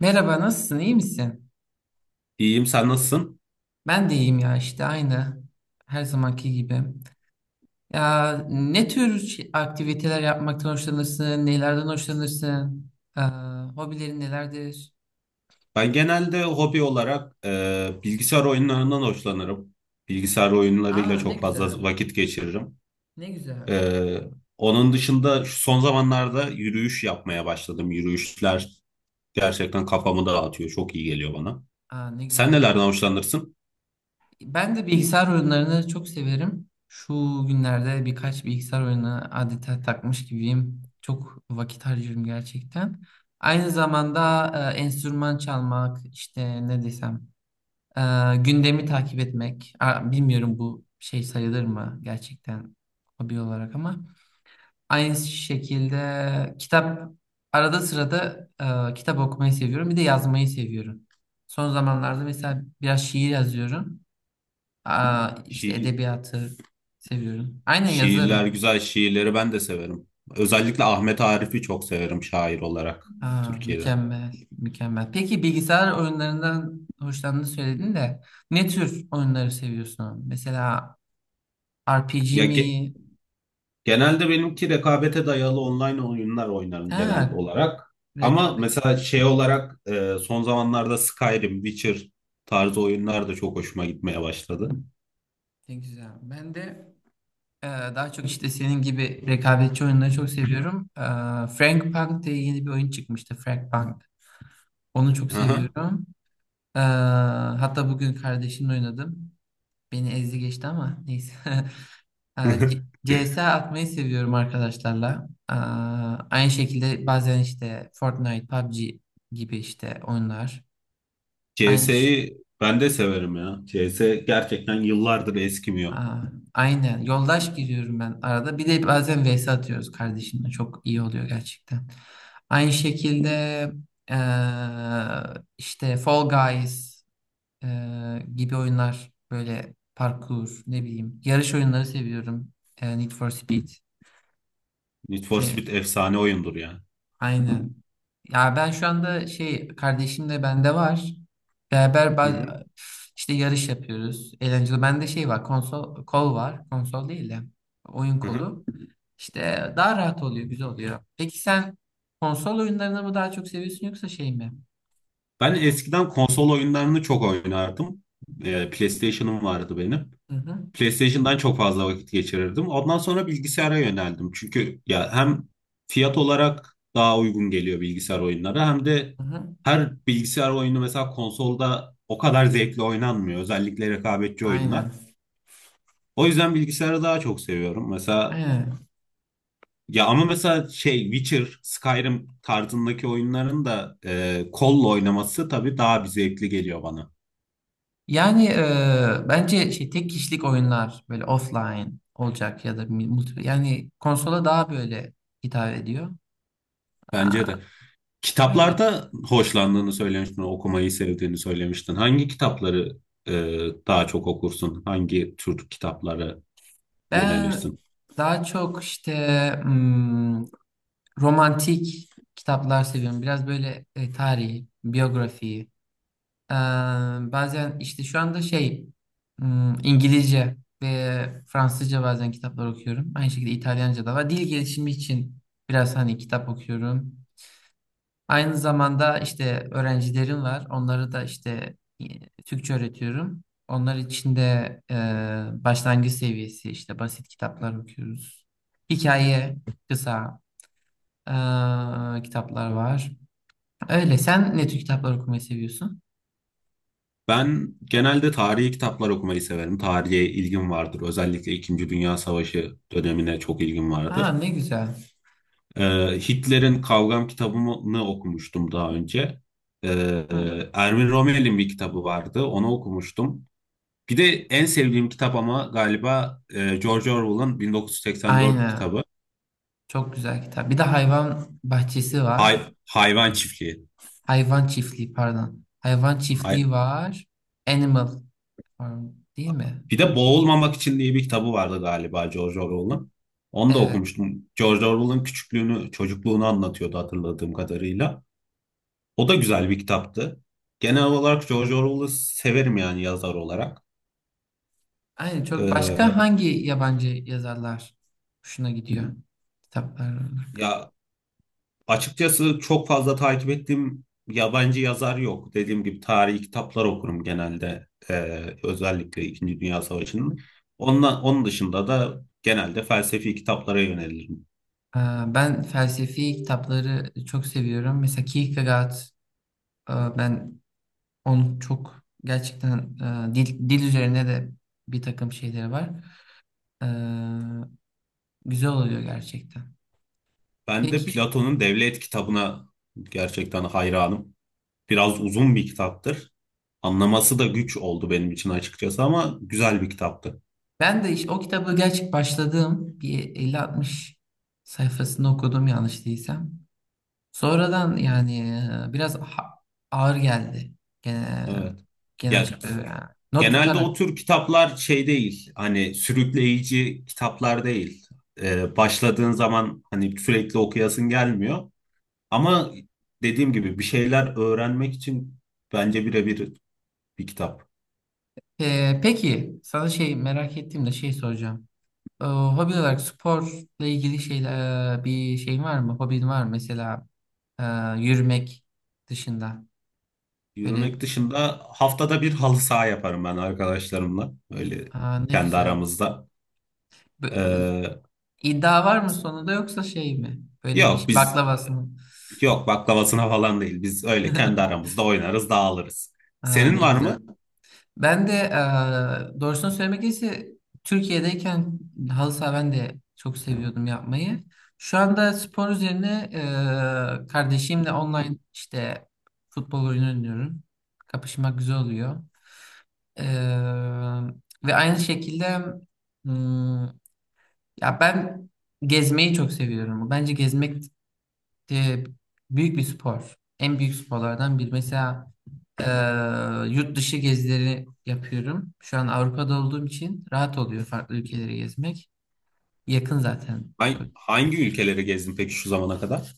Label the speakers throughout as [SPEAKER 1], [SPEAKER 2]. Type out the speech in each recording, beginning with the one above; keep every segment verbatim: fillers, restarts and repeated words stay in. [SPEAKER 1] Merhaba, nasılsın? İyi misin?
[SPEAKER 2] İyiyim, sen nasılsın?
[SPEAKER 1] Ben de iyiyim ya işte aynı. Her zamanki gibi. Ya ne tür şey- aktiviteler yapmaktan hoşlanırsın? Nelerden hoşlanırsın? Aa, hobilerin nelerdir?
[SPEAKER 2] Ben genelde hobi olarak e, bilgisayar oyunlarından hoşlanırım. Bilgisayar oyunlarıyla
[SPEAKER 1] Aa, ne
[SPEAKER 2] çok fazla
[SPEAKER 1] güzel.
[SPEAKER 2] vakit geçiririm.
[SPEAKER 1] Ne güzel.
[SPEAKER 2] E, Onun dışında şu son zamanlarda yürüyüş yapmaya başladım. Yürüyüşler gerçekten kafamı dağıtıyor. Çok iyi geliyor bana.
[SPEAKER 1] Aa, ne
[SPEAKER 2] Sen
[SPEAKER 1] güzel.
[SPEAKER 2] nelerden hoşlanırsın?
[SPEAKER 1] Ben de bilgisayar oyunlarını çok severim. Şu günlerde birkaç bilgisayar oyunu adeta takmış gibiyim. Çok vakit harcıyorum gerçekten. Aynı zamanda e, enstrüman çalmak, işte ne desem. Ee, gündemi takip etmek. Aa, Bilmiyorum bu şey sayılır mı gerçekten hobi olarak, ama aynı şekilde kitap, arada sırada e, kitap okumayı seviyorum. Bir de yazmayı seviyorum. Son zamanlarda mesela biraz şiir yazıyorum. Aa, işte
[SPEAKER 2] Şiir,
[SPEAKER 1] edebiyatı seviyorum. Aynen
[SPEAKER 2] şiirler
[SPEAKER 1] yazarım.
[SPEAKER 2] güzel, şiirleri ben de severim. Özellikle Ahmet Arif'i çok severim şair olarak
[SPEAKER 1] Aa,
[SPEAKER 2] Türkiye'de.
[SPEAKER 1] mükemmel, mükemmel. Peki bilgisayar oyunlarından hoşlandığını söyledin de ne tür oyunları seviyorsun? Mesela R P G
[SPEAKER 2] Ya ge-
[SPEAKER 1] mi?
[SPEAKER 2] Genelde benimki rekabete dayalı online oyunlar oynarım genel
[SPEAKER 1] Ha,
[SPEAKER 2] olarak. Ama mesela
[SPEAKER 1] rekabetçilikte
[SPEAKER 2] şey olarak e, son zamanlarda Skyrim, Witcher tarzı oyunlar da çok hoşuma gitmeye başladı.
[SPEAKER 1] güzel. Ben de e, daha çok işte senin gibi rekabetçi oyunları çok seviyorum. E, Frank Punk diye yeni bir oyun çıkmıştı. Frank Punk. Onu çok
[SPEAKER 2] Aha.
[SPEAKER 1] seviyorum. E, Hatta bugün kardeşimle oynadım. Beni ezdi geçti ama neyse. E, C- CS atmayı seviyorum arkadaşlarla. E, aynı şekilde bazen işte Fortnite, P U B G gibi işte oyunlar. Aynı.
[SPEAKER 2] C S'yi ben de severim ya. C S gerçekten yıllardır eskimiyor.
[SPEAKER 1] Aa, aynen. Yoldaş giriyorum ben arada. Bir de bazen vs atıyoruz kardeşimle. Çok iyi oluyor gerçekten. Aynı şekilde eee, işte Fall Guys eee, gibi oyunlar, böyle parkur ne bileyim. Yarış oyunları seviyorum. Eee, Need for Speed.
[SPEAKER 2] Need for Speed efsane oyundur ya.
[SPEAKER 1] Aynen. Ya ben şu anda şey, kardeşim de bende var. Beraber
[SPEAKER 2] Hı hı.
[SPEAKER 1] baz- işte yarış yapıyoruz. Eğlenceli. Bende şey var, konsol kol var. Konsol değil de oyun
[SPEAKER 2] Hı hı.
[SPEAKER 1] kolu. İşte daha rahat oluyor, güzel oluyor. Peki sen konsol oyunlarını mı daha çok seviyorsun yoksa şey mi?
[SPEAKER 2] Ben eskiden konsol oyunlarını çok oynardım. Ee, PlayStation'ım vardı benim.
[SPEAKER 1] Hı hı,
[SPEAKER 2] PlayStation'dan çok fazla vakit geçirirdim. Ondan sonra bilgisayara yöneldim. Çünkü ya hem fiyat olarak daha uygun geliyor bilgisayar oyunları hem de
[SPEAKER 1] hı hı.
[SPEAKER 2] her bilgisayar oyunu mesela konsolda o kadar zevkli oynanmıyor. Özellikle rekabetçi oyunlar.
[SPEAKER 1] Aynen.
[SPEAKER 2] O yüzden bilgisayarı daha çok seviyorum. Mesela
[SPEAKER 1] Aynen.
[SPEAKER 2] ya ama mesela şey Witcher, Skyrim tarzındaki oyunların da e, kolla oynaması tabii daha bir zevkli geliyor bana.
[SPEAKER 1] Yani e, bence şey tek kişilik oyunlar böyle offline olacak ya da multi, yani konsola daha böyle hitap ediyor.
[SPEAKER 2] Bence
[SPEAKER 1] Aa,
[SPEAKER 2] de.
[SPEAKER 1] öyle.
[SPEAKER 2] Kitaplarda hoşlandığını söylemiştin, okumayı sevdiğini söylemiştin. Hangi kitapları e, daha çok okursun? Hangi tür kitaplara
[SPEAKER 1] Ben
[SPEAKER 2] yönelirsin?
[SPEAKER 1] daha çok işte hmm, romantik kitaplar seviyorum. Biraz böyle e, tarihi, biyografiyi. Ee, Bazen işte şu anda şey hmm, İngilizce ve Fransızca bazen kitaplar okuyorum. Aynı şekilde İtalyanca da var. Dil gelişimi için biraz hani kitap okuyorum. Aynı zamanda işte öğrencilerim var. Onları da işte e, Türkçe öğretiyorum. Onlar için de e, başlangıç seviyesi işte basit kitaplar okuyoruz. Hikaye, kısa e, kitaplar var. Öyle. Sen ne tür kitaplar okumayı seviyorsun?
[SPEAKER 2] Ben genelde tarihi kitaplar okumayı severim. Tarihe ilgim vardır. Özellikle İkinci Dünya Savaşı dönemine çok ilgim
[SPEAKER 1] Aa,
[SPEAKER 2] vardır.
[SPEAKER 1] ne güzel.
[SPEAKER 2] E, Hitler'in Kavgam kitabını okumuştum daha önce. E,
[SPEAKER 1] Hı,
[SPEAKER 2] Erwin Rommel'in bir kitabı vardı. Onu okumuştum. Bir de en sevdiğim kitap ama galiba e, George Orwell'ın bin dokuz yüz seksen dört
[SPEAKER 1] aynen.
[SPEAKER 2] kitabı.
[SPEAKER 1] Çok güzel kitap. Bir de hayvan bahçesi var.
[SPEAKER 2] Hay- hayvan çiftliği.
[SPEAKER 1] Hayvan çiftliği, pardon. Hayvan çiftliği
[SPEAKER 2] Hay-
[SPEAKER 1] var. Animal Farm, değil mi?
[SPEAKER 2] Bir de Boğulmamak için diye bir kitabı vardı galiba George Orwell'ın. Onu da
[SPEAKER 1] Evet.
[SPEAKER 2] okumuştum. George Orwell'ın küçüklüğünü, çocukluğunu anlatıyordu hatırladığım kadarıyla. O da güzel bir kitaptı. Genel olarak George Orwell'ı severim yani yazar olarak.
[SPEAKER 1] Aynen, çok başka
[SPEAKER 2] Ee,
[SPEAKER 1] hangi yabancı yazarlar hoşuna gidiyor kitaplar olarak?
[SPEAKER 2] ya açıkçası çok fazla takip ettiğim yabancı yazar yok. Dediğim gibi tarihi kitaplar okurum genelde. Ee, özellikle İkinci Dünya Savaşı'nın. Ondan, onun dışında da genelde felsefi kitaplara yönelirim.
[SPEAKER 1] Aa, ben felsefi kitapları çok seviyorum. Mesela Kierkegaard, aa, ben onu çok gerçekten, aa, dil, dil üzerine de bir takım şeyleri var. Aa, güzel oluyor gerçekten.
[SPEAKER 2] Ben de
[SPEAKER 1] Peki
[SPEAKER 2] Platon'un Devlet kitabına gerçekten hayranım. Biraz uzun bir kitaptır. Anlaması da güç oldu benim için açıkçası ama güzel bir kitaptı.
[SPEAKER 1] ben de iş, o kitabı gerçek başladığım, bir elli altmış sayfasını okudum yanlış değilsem. Sonradan yani e, biraz ha- ağır geldi. Gene,
[SPEAKER 2] Evet.
[SPEAKER 1] genel
[SPEAKER 2] Ya
[SPEAKER 1] çap- e, yani not
[SPEAKER 2] genelde o
[SPEAKER 1] tutarak.
[SPEAKER 2] tür kitaplar şey değil. Hani sürükleyici kitaplar değil. Ee, başladığın zaman hani sürekli okuyasın gelmiyor. Ama dediğim gibi bir şeyler öğrenmek için bence birebir bir kitap.
[SPEAKER 1] E, peki sana şey merak ettiğim de şey soracağım. E, hobi olarak sporla ilgili şeyler, e, bir şeyin var mı? Hobin var mı? Mesela e, yürümek dışında. Böyle,
[SPEAKER 2] Yürümek dışında haftada bir halı saha yaparım ben arkadaşlarımla. Öyle
[SPEAKER 1] aa, ne
[SPEAKER 2] kendi
[SPEAKER 1] güzel.
[SPEAKER 2] aramızda.
[SPEAKER 1] Bö-
[SPEAKER 2] Ee,
[SPEAKER 1] İddia var mı sonunda yoksa şey mi? Böyle bir
[SPEAKER 2] yok
[SPEAKER 1] şey,
[SPEAKER 2] biz
[SPEAKER 1] baklavasını.
[SPEAKER 2] yok baklavasına falan değil. Biz öyle kendi aramızda oynarız, dağılırız.
[SPEAKER 1] Aa,
[SPEAKER 2] Senin
[SPEAKER 1] ne
[SPEAKER 2] var mı?
[SPEAKER 1] güzel. Ben de eee doğrusunu söylemek gerekirse Türkiye'deyken halı saha ben de çok seviyordum yapmayı. Şu anda spor üzerine eee, kardeşimle online işte futbol oyunu oynuyorum. Kapışmak güzel oluyor. Eee, Ve aynı şekilde hmm, ya ben gezmeyi çok seviyorum. Bence gezmek de büyük bir spor. En büyük sporlardan biri. Mesela ee, yurt dışı gezileri yapıyorum. Şu an Avrupa'da olduğum için rahat oluyor farklı ülkeleri gezmek. Yakın zaten
[SPEAKER 2] Ben
[SPEAKER 1] çok.
[SPEAKER 2] hangi ülkeleri gezdin peki şu zamana kadar?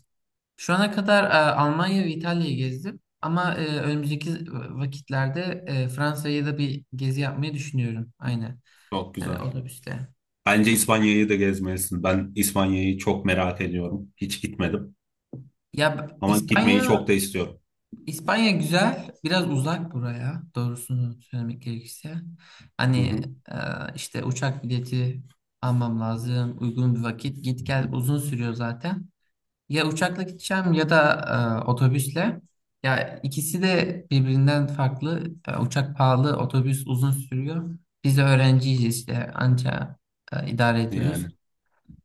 [SPEAKER 1] Şu ana kadar e, Almanya ve İtalya'yı gezdim. Ama e, önümüzdeki vakitlerde e, Fransa'ya da bir gezi yapmayı düşünüyorum. Aynen.
[SPEAKER 2] Çok
[SPEAKER 1] Yani
[SPEAKER 2] güzel.
[SPEAKER 1] otobüsle.
[SPEAKER 2] Bence İspanya'yı da gezmelisin. Ben İspanya'yı çok merak ediyorum. Hiç gitmedim.
[SPEAKER 1] Ya
[SPEAKER 2] Ama gitmeyi
[SPEAKER 1] İspanya
[SPEAKER 2] çok da istiyorum.
[SPEAKER 1] İspanya güzel, biraz uzak buraya doğrusunu söylemek gerekirse.
[SPEAKER 2] Hı
[SPEAKER 1] Hani
[SPEAKER 2] hı.
[SPEAKER 1] e, işte uçak bileti almam lazım, uygun bir vakit, git gel uzun sürüyor zaten. Ya uçakla gideceğim ya da e, otobüsle. Ya ikisi de birbirinden farklı. E, uçak pahalı, otobüs uzun sürüyor. Biz de öğrenciyiz işte, anca e, idare ediyoruz.
[SPEAKER 2] Yani.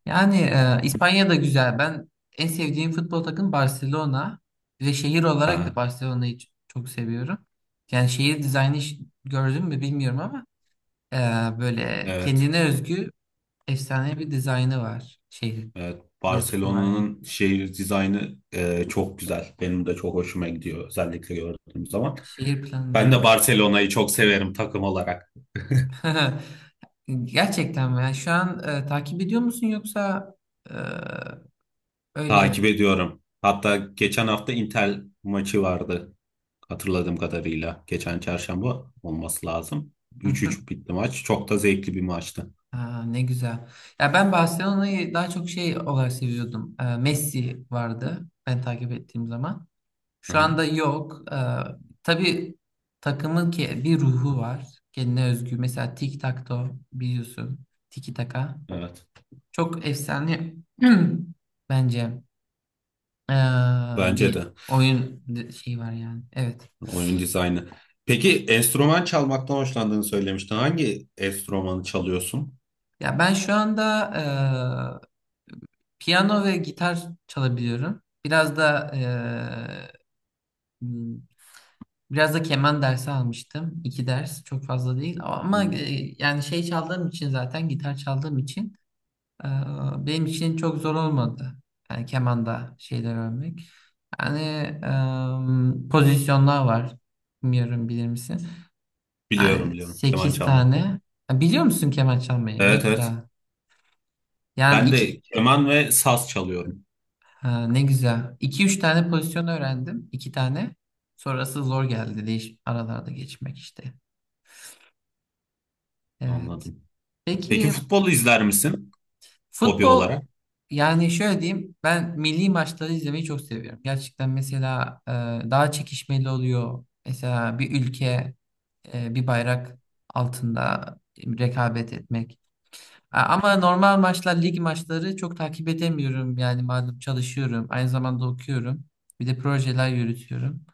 [SPEAKER 1] Yani e, İspanya da güzel. Ben en sevdiğim futbol takım Barcelona ve şehir olarak
[SPEAKER 2] Ha,
[SPEAKER 1] da Barcelona'yı ç- çok seviyorum. Yani şehir dizaynı, ş- gördün mü bilmiyorum ama e, böyle
[SPEAKER 2] evet.
[SPEAKER 1] kendine özgü efsane bir dizaynı var şehir.
[SPEAKER 2] Evet,
[SPEAKER 1] Dokusu var yani.
[SPEAKER 2] Barcelona'nın şehir dizaynı e, çok güzel. Benim de çok hoşuma gidiyor özellikle gördüğüm zaman.
[SPEAKER 1] Şehir
[SPEAKER 2] Ben de
[SPEAKER 1] planlaması.
[SPEAKER 2] Barcelona'yı çok severim takım olarak.
[SPEAKER 1] Gerçekten mi? Yani şu an e, takip ediyor musun yoksa e, öyle?
[SPEAKER 2] Takip ediyorum. Hatta geçen hafta Inter maçı vardı hatırladığım kadarıyla. Geçen çarşamba olması lazım. üç üç bitti maç. Çok da zevkli bir maçtı.
[SPEAKER 1] Ha, ne güzel. Ya ben Barcelona'yı daha çok şey olarak seviyordum. Ee, Messi vardı ben takip ettiğim zaman.
[SPEAKER 2] Hı
[SPEAKER 1] Şu
[SPEAKER 2] hı,
[SPEAKER 1] anda yok. Ee, tabii takımın ki bir ruhu var. Kendine özgü. Mesela Tic Tac Toe biliyorsun. Tiki Taka.
[SPEAKER 2] evet.
[SPEAKER 1] Çok efsane bence ee,
[SPEAKER 2] Bence
[SPEAKER 1] bir
[SPEAKER 2] de
[SPEAKER 1] oyun di- şeyi var yani. Evet.
[SPEAKER 2] oyun dizaynı. Peki enstrüman çalmaktan hoşlandığını söylemiştin. Hangi enstrümanı çalıyorsun?
[SPEAKER 1] Ya ben şu anda ee, piyano ve gitar çalabiliyorum. Biraz da e, Hmm, biraz da keman dersi almıştım. İki ders, çok fazla değil, ama
[SPEAKER 2] Hı.
[SPEAKER 1] e, yani şey çaldığım için, zaten gitar çaldığım için e, benim için çok zor olmadı. Yani kemanda şeyler örmek. Yani e, pozisyonlar var. Bilmiyorum, bilir misin?
[SPEAKER 2] Biliyorum
[SPEAKER 1] Yani
[SPEAKER 2] biliyorum keman
[SPEAKER 1] sekiz
[SPEAKER 2] çalmayı.
[SPEAKER 1] tane. Ha, biliyor musun keman çalmayı? Ne
[SPEAKER 2] Evet
[SPEAKER 1] güzel.
[SPEAKER 2] evet.
[SPEAKER 1] Yani
[SPEAKER 2] Ben
[SPEAKER 1] iki,
[SPEAKER 2] de keman ve saz çalıyorum.
[SPEAKER 1] ha, ne güzel. İki üç tane pozisyon öğrendim. İki tane. Sonrası zor geldi. Değiş aralarda geçmek işte. Evet.
[SPEAKER 2] Anladım. Peki
[SPEAKER 1] Peki
[SPEAKER 2] futbolu izler misin hobi
[SPEAKER 1] futbol,
[SPEAKER 2] olarak?
[SPEAKER 1] yani şöyle diyeyim, ben milli maçları izlemeyi çok seviyorum. Gerçekten mesela e, daha çekişmeli oluyor. Mesela bir ülke, e, bir bayrak altında rekabet etmek. A- Ama normal maçlar, lig maçları çok takip edemiyorum. Yani malum çalışıyorum, aynı zamanda okuyorum. Bir de projeler yürütüyorum.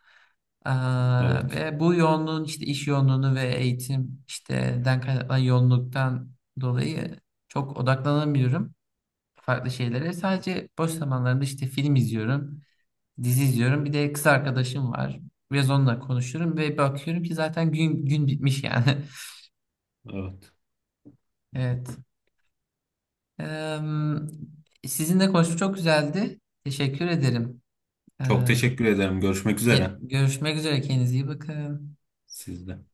[SPEAKER 1] Aa,
[SPEAKER 2] Evet.
[SPEAKER 1] ve bu yoğunluğun işte iş yoğunluğunu ve eğitim işte den kaynaklanan yoğunluktan dolayı çok odaklanamıyorum farklı şeylere. Sadece boş zamanlarında işte film izliyorum, dizi izliyorum. Bir de kız arkadaşım var. Biraz onunla konuşuyorum ve bakıyorum ki zaten gün gün bitmiş yani.
[SPEAKER 2] Evet.
[SPEAKER 1] Evet. Ee, Sizinle konuşmak çok güzeldi. Teşekkür ederim. Ee,
[SPEAKER 2] Çok teşekkür ederim. Görüşmek üzere.
[SPEAKER 1] Görüşmek üzere. Kendinize iyi bakın.
[SPEAKER 2] Sizde.